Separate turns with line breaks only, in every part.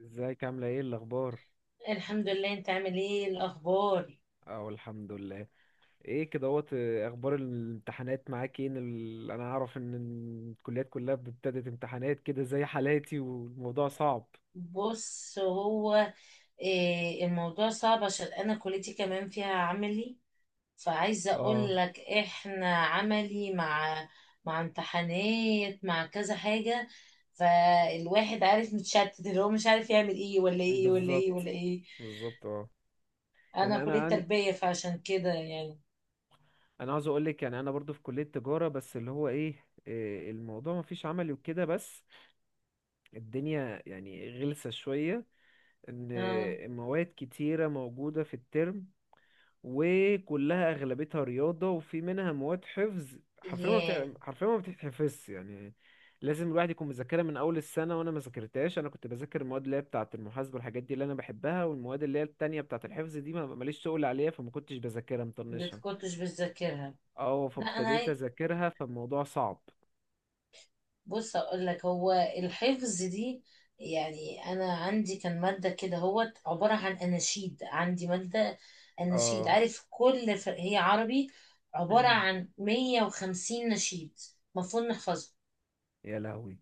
ازيك عاملة ايه الأخبار؟
الحمد لله، انت عامل ايه الاخبار؟
اه، الحمد لله. ايه كدهوت، أخبار الامتحانات معاك ايه؟ أنا أعرف إن الكليات كلها ابتدت امتحانات كده زي حالاتي والموضوع صعب.
بص، هو إيه؟ الموضوع صعب عشان انا كليتي كمان فيها عملي. فعايزه
اه،
اقول لك احنا عملي مع امتحانات، مع كذا حاجه. فالواحد عارف متشتت، اللي هو مش عارف يعمل ايه ولا ايه ولا ايه
بالظبط.
ولا ايه.
بالظبط، اه.
انا
يعني
كليه تربيه فعشان كده يعني.
أنا عاوز أقولك، يعني أنا برضو في كلية تجارة، بس اللي هو ايه، الموضوع مفيش عملي وكده. بس الدنيا يعني غلسة شوية، إن
اه.
مواد كتيرة موجودة في الترم، وكلها اغلبيتها رياضه وفي منها مواد حفظ.
ياه.
حرفيا ما بتتحفظش يعني. لازم الواحد يكون مذاكرها من اول السنه، وانا ما ذاكرتهاش. انا كنت بذاكر المواد اللي هي بتاعه المحاسبه والحاجات دي اللي انا بحبها، والمواد اللي هي التانية بتاعه الحفظ دي ما ماليش شغل عليها، فما كنتش بذاكرها
ما
مطنشها.
كنتش بتذاكرها؟
اه،
لا
فابتديت
انا.
اذاكرها، فالموضوع صعب.
بص اقول لك، هو الحفظ دي يعني انا عندي كان ماده كده هو عباره عن اناشيد. عندي ماده اناشيد،
اه.
عارف؟ هي عربي، عباره عن 150 نشيد المفروض نحفظه.
يا لهوي.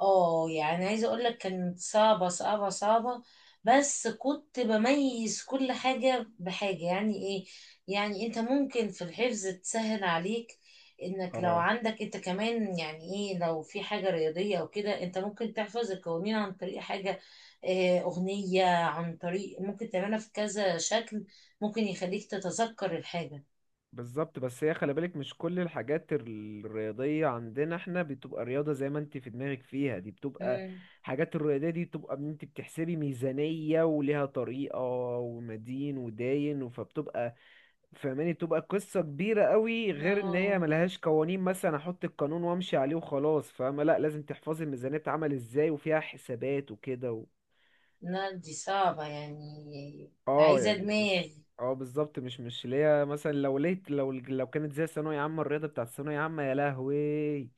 اه، يعني عايزة اقول لك كانت صعبة صعبة صعبة. بس كنت بميز كل حاجة بحاجة. يعني ايه؟ يعني انت ممكن في الحفظ تسهل عليك انك لو
اه،
عندك انت كمان، يعني ايه، لو في حاجة رياضية او كده انت ممكن تحفظ القوانين عن طريق حاجة. اغنية، عن طريق ممكن تعملها في كذا شكل، ممكن يخليك تتذكر الحاجة.
بالظبط. بس هي خلي بالك، مش كل الحاجات الرياضية عندنا احنا بتبقى رياضة زي ما انت في دماغك فيها. دي بتبقى
امم
حاجات الرياضية، دي بتبقى ان انت بتحسبي ميزانية وليها طريقة ومدين وداين، فبتبقى، فاهماني، بتبقى قصة كبيرة قوي، غير ان هي
اه.
ملهاش قوانين مثلا احط القانون وامشي عليه وخلاص. فاهمة، لا لازم تحفظي الميزانية اتعمل ازاي وفيها حسابات وكده.
لا دي صعبة، يعني
اه
عايزة
يعني
دماغ.
مش. اه، بالظبط، مش اللي هي، مثلا، لو ليت لو لو كانت زي ثانوية عامة، الرياضة بتاعت ثانوية عامة، يا لهوي.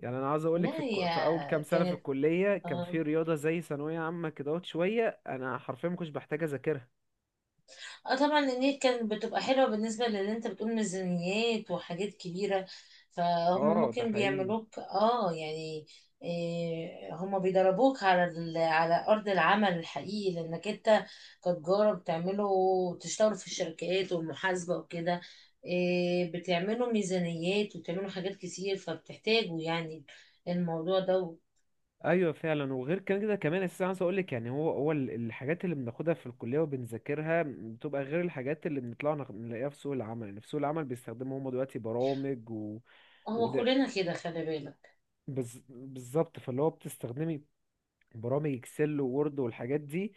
يعني انا عاوز اقول
لا
لك،
هي
في اول كام سنة في
كانت،
الكلية كان
اه،
في رياضة زي ثانوية عامة كده، اهوت شوية، انا حرفيا ما كنتش بحتاج اذاكرها.
آه طبعا النيل كانت بتبقى حلوة. بالنسبة للي انت بتقول ميزانيات وحاجات كبيرة، فهم
اه، ده
ممكن
حقيقي.
بيعملوك، اه يعني، إيه، هم بيدربوك على على أرض العمل الحقيقي، لأنك انت كتجارة بتعملوا، بتشتغلوا في الشركات والمحاسبة وكده. إيه، بتعملوا ميزانيات وبتعملوا حاجات كتير، فبتحتاجوا يعني الموضوع ده.
ايوه فعلا. وغير كده كمان، اساسا عايز اقول لك يعني الحاجات اللي بناخدها في الكليه وبنذاكرها بتبقى غير الحاجات اللي بنطلع نلاقيها في سوق العمل. يعني في سوق العمل بيستخدموا هم دلوقتي برامج و...
هو كلنا كده، خلي بالك.
بالظبط، فاللي هو بتستخدمي برامج اكسل وورد والحاجات دي،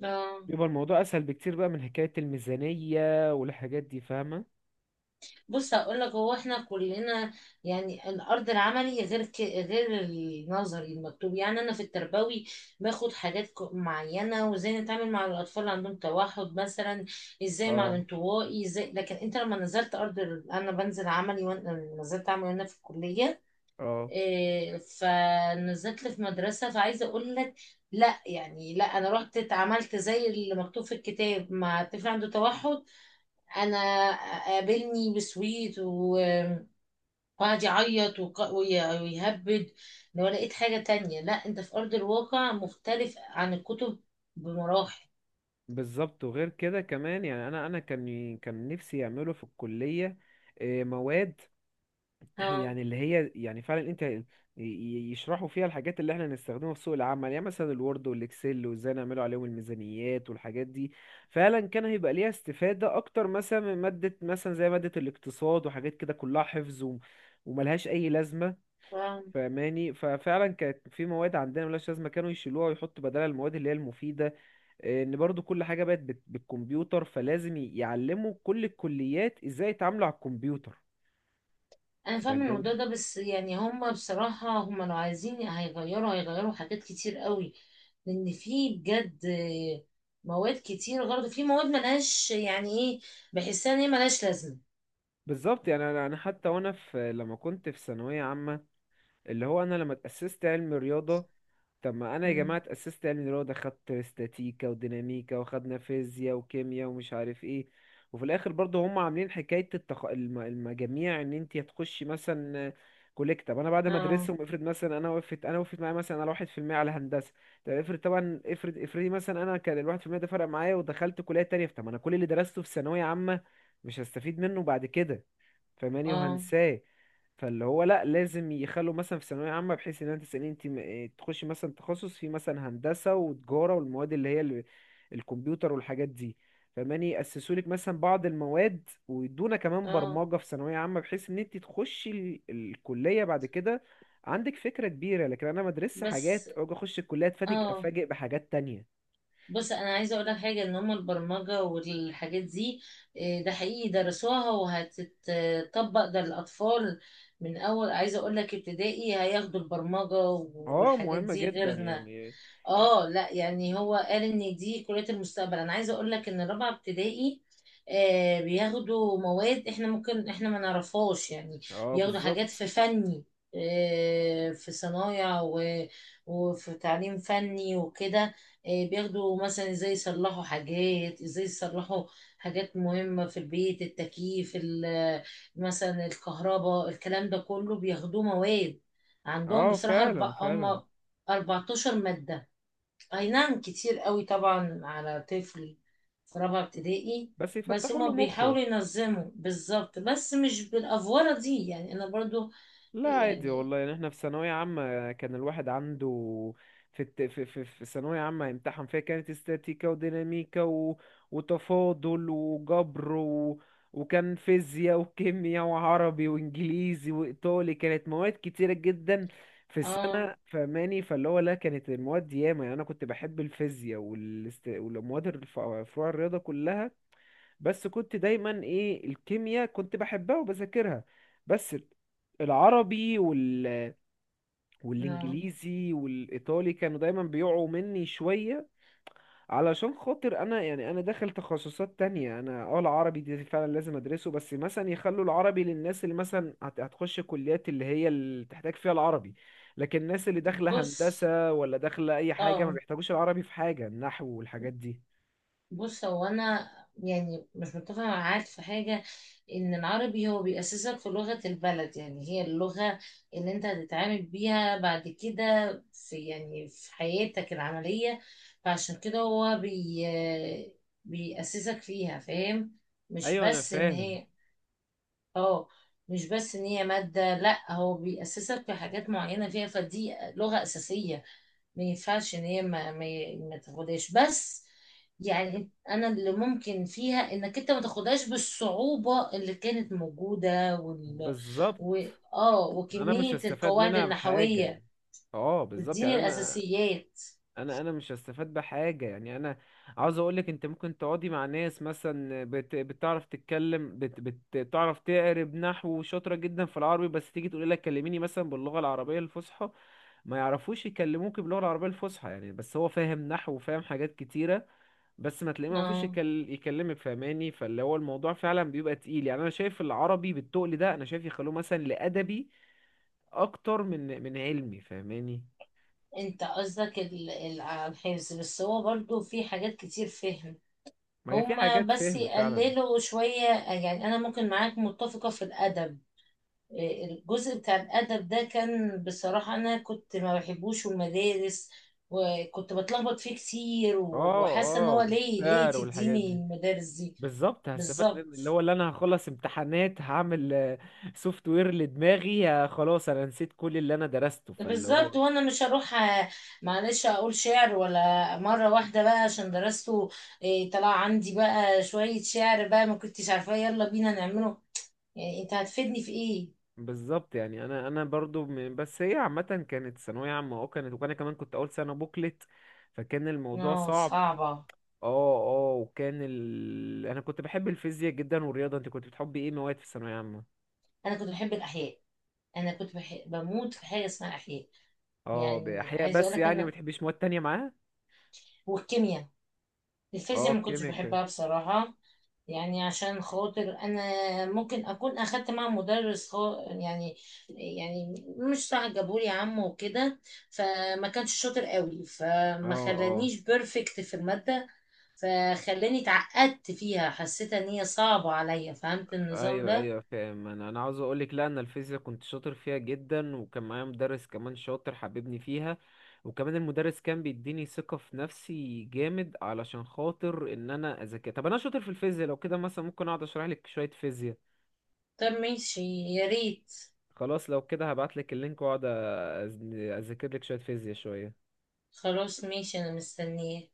اه.
بيبقى الموضوع اسهل بكتير بقى من حكاية الميزانية والحاجات دي، فاهمة.
بص هقول لك، هو احنا كلنا، يعني الارض العملي غير غير النظري المكتوب. يعني انا في التربوي باخد حاجات معينه وازاي نتعامل مع الاطفال اللي عندهم توحد مثلا، ازاي مع
اه.
الانطوائي ازاي. لكن انت لما نزلت ارض انا بنزل عملي وانا نزلت عملي وانا في الكليه.
اه،
إيه، فنزلت في مدرسه، فعايزه اقول لك، لا يعني لا، انا رحت اتعاملت زي اللي مكتوب في الكتاب مع طفل عنده توحد. انا قابلني بسويت وقعد يعيط ويهبد. لو لقيت حاجة تانية. لا، انت في ارض الواقع مختلف عن الكتب بمراحل.
بالظبط. وغير كده كمان يعني انا كان نفسي يعملوا في الكلية مواد،
ها.
يعني اللي هي يعني فعلا انت يشرحوا فيها الحاجات اللي احنا نستخدمها في سوق العمل، يعني مثلا الوورد والاكسل وازاي نعملوا عليهم الميزانيات والحاجات دي. فعلا كان هيبقى ليها استفادة اكتر مثلا من مادة، مثلا زي مادة الاقتصاد وحاجات كده كلها حفظ وملهاش اي لازمة،
ها.
فاهماني. ففعلا كانت في مواد عندنا ملهاش لازمة، كانوا يشيلوها ويحطوا بدلها المواد اللي هي المفيدة. اه، ان برضو كل حاجة بقت بالكمبيوتر، فلازم يعلموا كل الكليات ازاي يتعاملوا على الكمبيوتر،
انا فاهمة الموضوع
فاهماني.
ده، بس يعني هما بصراحة هما لو عايزين هيغيروا، هيغيروا حاجات كتير قوي. لان في بجد مواد كتير غلط، في مواد ملهاش يعني ايه، بحسها ان هي ملهاش لازمة.
بالظبط، يعني أنا حتى وانا في، لما كنت في ثانويه عامه، اللي هو انا لما اتاسست علم رياضه. طب ما انا يا جماعه
مم.
اتاسست علم رياضه، خدت استاتيكا وديناميكا وخدنا فيزياء وكيمياء ومش عارف ايه. وفي الاخر برضه هم عاملين حكايه المجاميع، ان انت هتخشي مثلا كليه طب. انا بعد ما
اه.
ادرسهم، افرض مثلا، انا وقفت معايا مثلا على 1% على هندسه. طب افرض، طبعا، افرضي مثلا انا كان ال 1% ده فرق معايا ودخلت كليه تانية. طب ما انا كل اللي درسته في ثانويه عامه مش هستفيد منه بعد كده، فاهماني،
اه.
وهنساه. فاللي هو لا، لازم يخلوا مثلا في ثانوية عامة بحيث ان انت تسألين انت م- إيه تخشي مثلا تخصص في مثلا هندسة وتجارة، والمواد اللي هي الكمبيوتر والحاجات دي، فاهماني. يأسسوا لك مثلا بعض المواد، ويدونا كمان
اه.
برمجة في ثانوية عامة، بحيث ان انت تخشي الكلية بعد كده عندك فكرة كبيرة. لكن انا مدرسة
بس.
حاجات، اجي اخش الكلية،
اه.
افاجئ بحاجات تانية.
بص انا عايزه اقول لك حاجه، ان هم البرمجه والحاجات دي، إيه، ده حقيقي درسوها وهتتطبق ده للاطفال من اول، عايزه اقول لك ابتدائي هياخدوا البرمجه
اه،
والحاجات
مهمة
دي
جدا
غيرنا.
يعني. يعني،
اه لا، يعني هو قال ان دي كلية المستقبل. انا عايزة اقول لك ان رابعة ابتدائي آه بياخدوا مواد احنا ممكن احنا ما نعرفهاش يعني.
اه،
بياخدوا حاجات
بالظبط.
في فني، آه في صنايع وفي تعليم فني وكده. آه بياخدوا مثلا ازاي يصلحوا حاجات، ازاي يصلحوا حاجات مهمة في البيت، التكييف مثلا الكهرباء، الكلام ده كله بياخدوه مواد. عندهم
اه
بصراحة
فعلا،
أربع، هم
فعلا.
14 مادة. اي نعم، كتير قوي طبعا على طفل في رابعة ابتدائي.
بس
بس
يفتحوا
هما
له مخه.
بيحاولوا ينظموا بالظبط، بس مش بالافوره دي. يعني انا برضو
لا عادي
يعني
والله، يعني احنا في ثانوية عامة كان الواحد عنده، في الت... في في في ثانوية عامة امتحن فيها، كانت استاتيكا وديناميكا و... وتفاضل وجبر و... وكان فيزياء وكيمياء وعربي وانجليزي وايطالي. كانت مواد كتيرة جدا في
اه
السنة فماني. فاللي هو لا، كانت المواد ياما. يعني انا كنت بحب الفيزياء فروع الرياضة كلها، بس كنت دايما ايه، الكيمياء كنت بحبها وبذاكرها. بس العربي وال...
آه.
والانجليزي والايطالي كانوا دايما بيقعوا مني شوية، علشان خاطر انا، يعني انا داخل تخصصات تانية، انا اه، العربي دي فعلا لازم ادرسه، بس مثلا يخلوا العربي للناس اللي مثلا هتخش كليات اللي هي اللي تحتاج فيها العربي، لكن الناس اللي داخلة
بص.
هندسة، ولا داخلة اي حاجة، ما
اه
بيحتاجوش العربي في حاجة النحو والحاجات دي.
بص هو انا يعني مش متفقه معاك في حاجه، ان العربي هو بيأسسك في لغه البلد. يعني هي اللغه اللي انت هتتعامل بيها بعد كده في يعني في حياتك العمليه، فعشان كده هو بي بيأسسك فيها، فاهم؟ مش
ايوه انا
بس ان
فاهم.
هي، اه، مش بس ان هي ماده، لا هو بيأسسك في حاجات معينه فيها، فدي لغه اساسيه. ما ينفعش ان هي ما تاخدهاش بس. يعني انا اللي ممكن فيها انك انت ما تاخدهاش بالصعوبة اللي كانت موجودة وال،
بالظبط،
و... اه
انا مش
وكمية
هستفاد
القواعد
منها بحاجه.
النحوية،
اه بالظبط،
بتديني
يعني انا،
الاساسيات.
انا مش هستفاد بحاجه، يعني انا عاوز اقولك، انت ممكن تقعدي مع ناس مثلا بتعرف تتكلم، بتعرف تقرب نحو، شاطره جدا في العربي، بس تيجي تقولي لك كلميني مثلا باللغه العربيه الفصحى، ما يعرفوش يكلموك باللغه العربيه الفصحى يعني، بس هو فاهم نحو وفاهم حاجات كتيره، بس ما تلاقيه ما يعرفوش
اه
يكلمك، فاهماني. فاللي هو الموضوع فعلا بيبقى تقيل. يعني انا شايف العربي بالتقل ده، انا شايف يخلوه مثلا لادبي اكتر من علمي، فاهماني.
انت قصدك على الحفظ، بس هو برضو في حاجات كتير فهم.
ما هي في
هما
حاجات
بس
فهم فعلا.
يقللوا شوية. يعني انا ممكن معاك متفقة في الادب، الجزء بتاع الأدب ده كان بصراحة. أنا كنت ما بحبوش المدارس وكنت بتلخبط فيه كتير
اه.
وحاسة إن
اه،
هو ليه، ليه
والشعر والحاجات
تديني
دي
المدارس دي؟
بالظبط، هستفاد من اللي
بالظبط.
هو، اللي انا هخلص امتحانات هعمل سوفت وير لدماغي. خلاص، انا نسيت كل اللي انا درسته، فاللي هو
بالظبط. وانا مش هروح، آه، معلش اقول شعر ولا مره واحده بقى عشان درسته. إيه، طلع عندي بقى شويه شعر بقى ما كنتش عارفاه يلا بينا نعمله. يعني انت هتفيدني في ايه؟
بالظبط. يعني انا برضو بس هي عامه، كانت ثانويه عامه، اه كانت، وانا كمان كنت اول سنه بوكلت، فكان الموضوع
اه
صعب.
صعبه.
اه. اه وكان ال... انا كنت بحب الفيزياء جدا والرياضه. انت كنت بتحبي ايه مواد في الثانويه عامه؟
انا كنت بحب الاحياء، انا بموت في حاجه اسمها احياء.
اه،
يعني
بأحياء
عايزه اقول
بس،
لك
يعني ما
انا
بتحبيش مواد تانية معاه؟
والكيمياء. الفيزياء
اه
ما كنتش
كيميكا.
بحبها بصراحه، يعني عشان خاطر انا ممكن اكون اخدت مع مدرس يعني، يعني مش صح، جابولي عم وكده، فما كانش شاطر قوي،
اه.
فما
اه،
خلانيش بيرفكت في الماده، فخلاني اتعقدت فيها، حسيت ان هي صعبه عليا، فهمت النظام
ايوه
ده؟
ايوه فاهم. انا عاوز اقولك، لا انا الفيزياء كنت شاطر فيها جدا، وكان معايا مدرس كمان شاطر حببني فيها، وكمان المدرس كان بيديني ثقة في نفسي جامد، علشان خاطر ان انا اذاكر. طب انا شاطر في الفيزياء، لو كده مثلا ممكن اقعد اشرح لك شوية فيزياء.
طب ماشي، يا ريت.
خلاص، لو كده هبعت لك اللينك واقعد اذاكر لك شوية فيزياء شوية.
خلاص ماشي، انا مستنيه.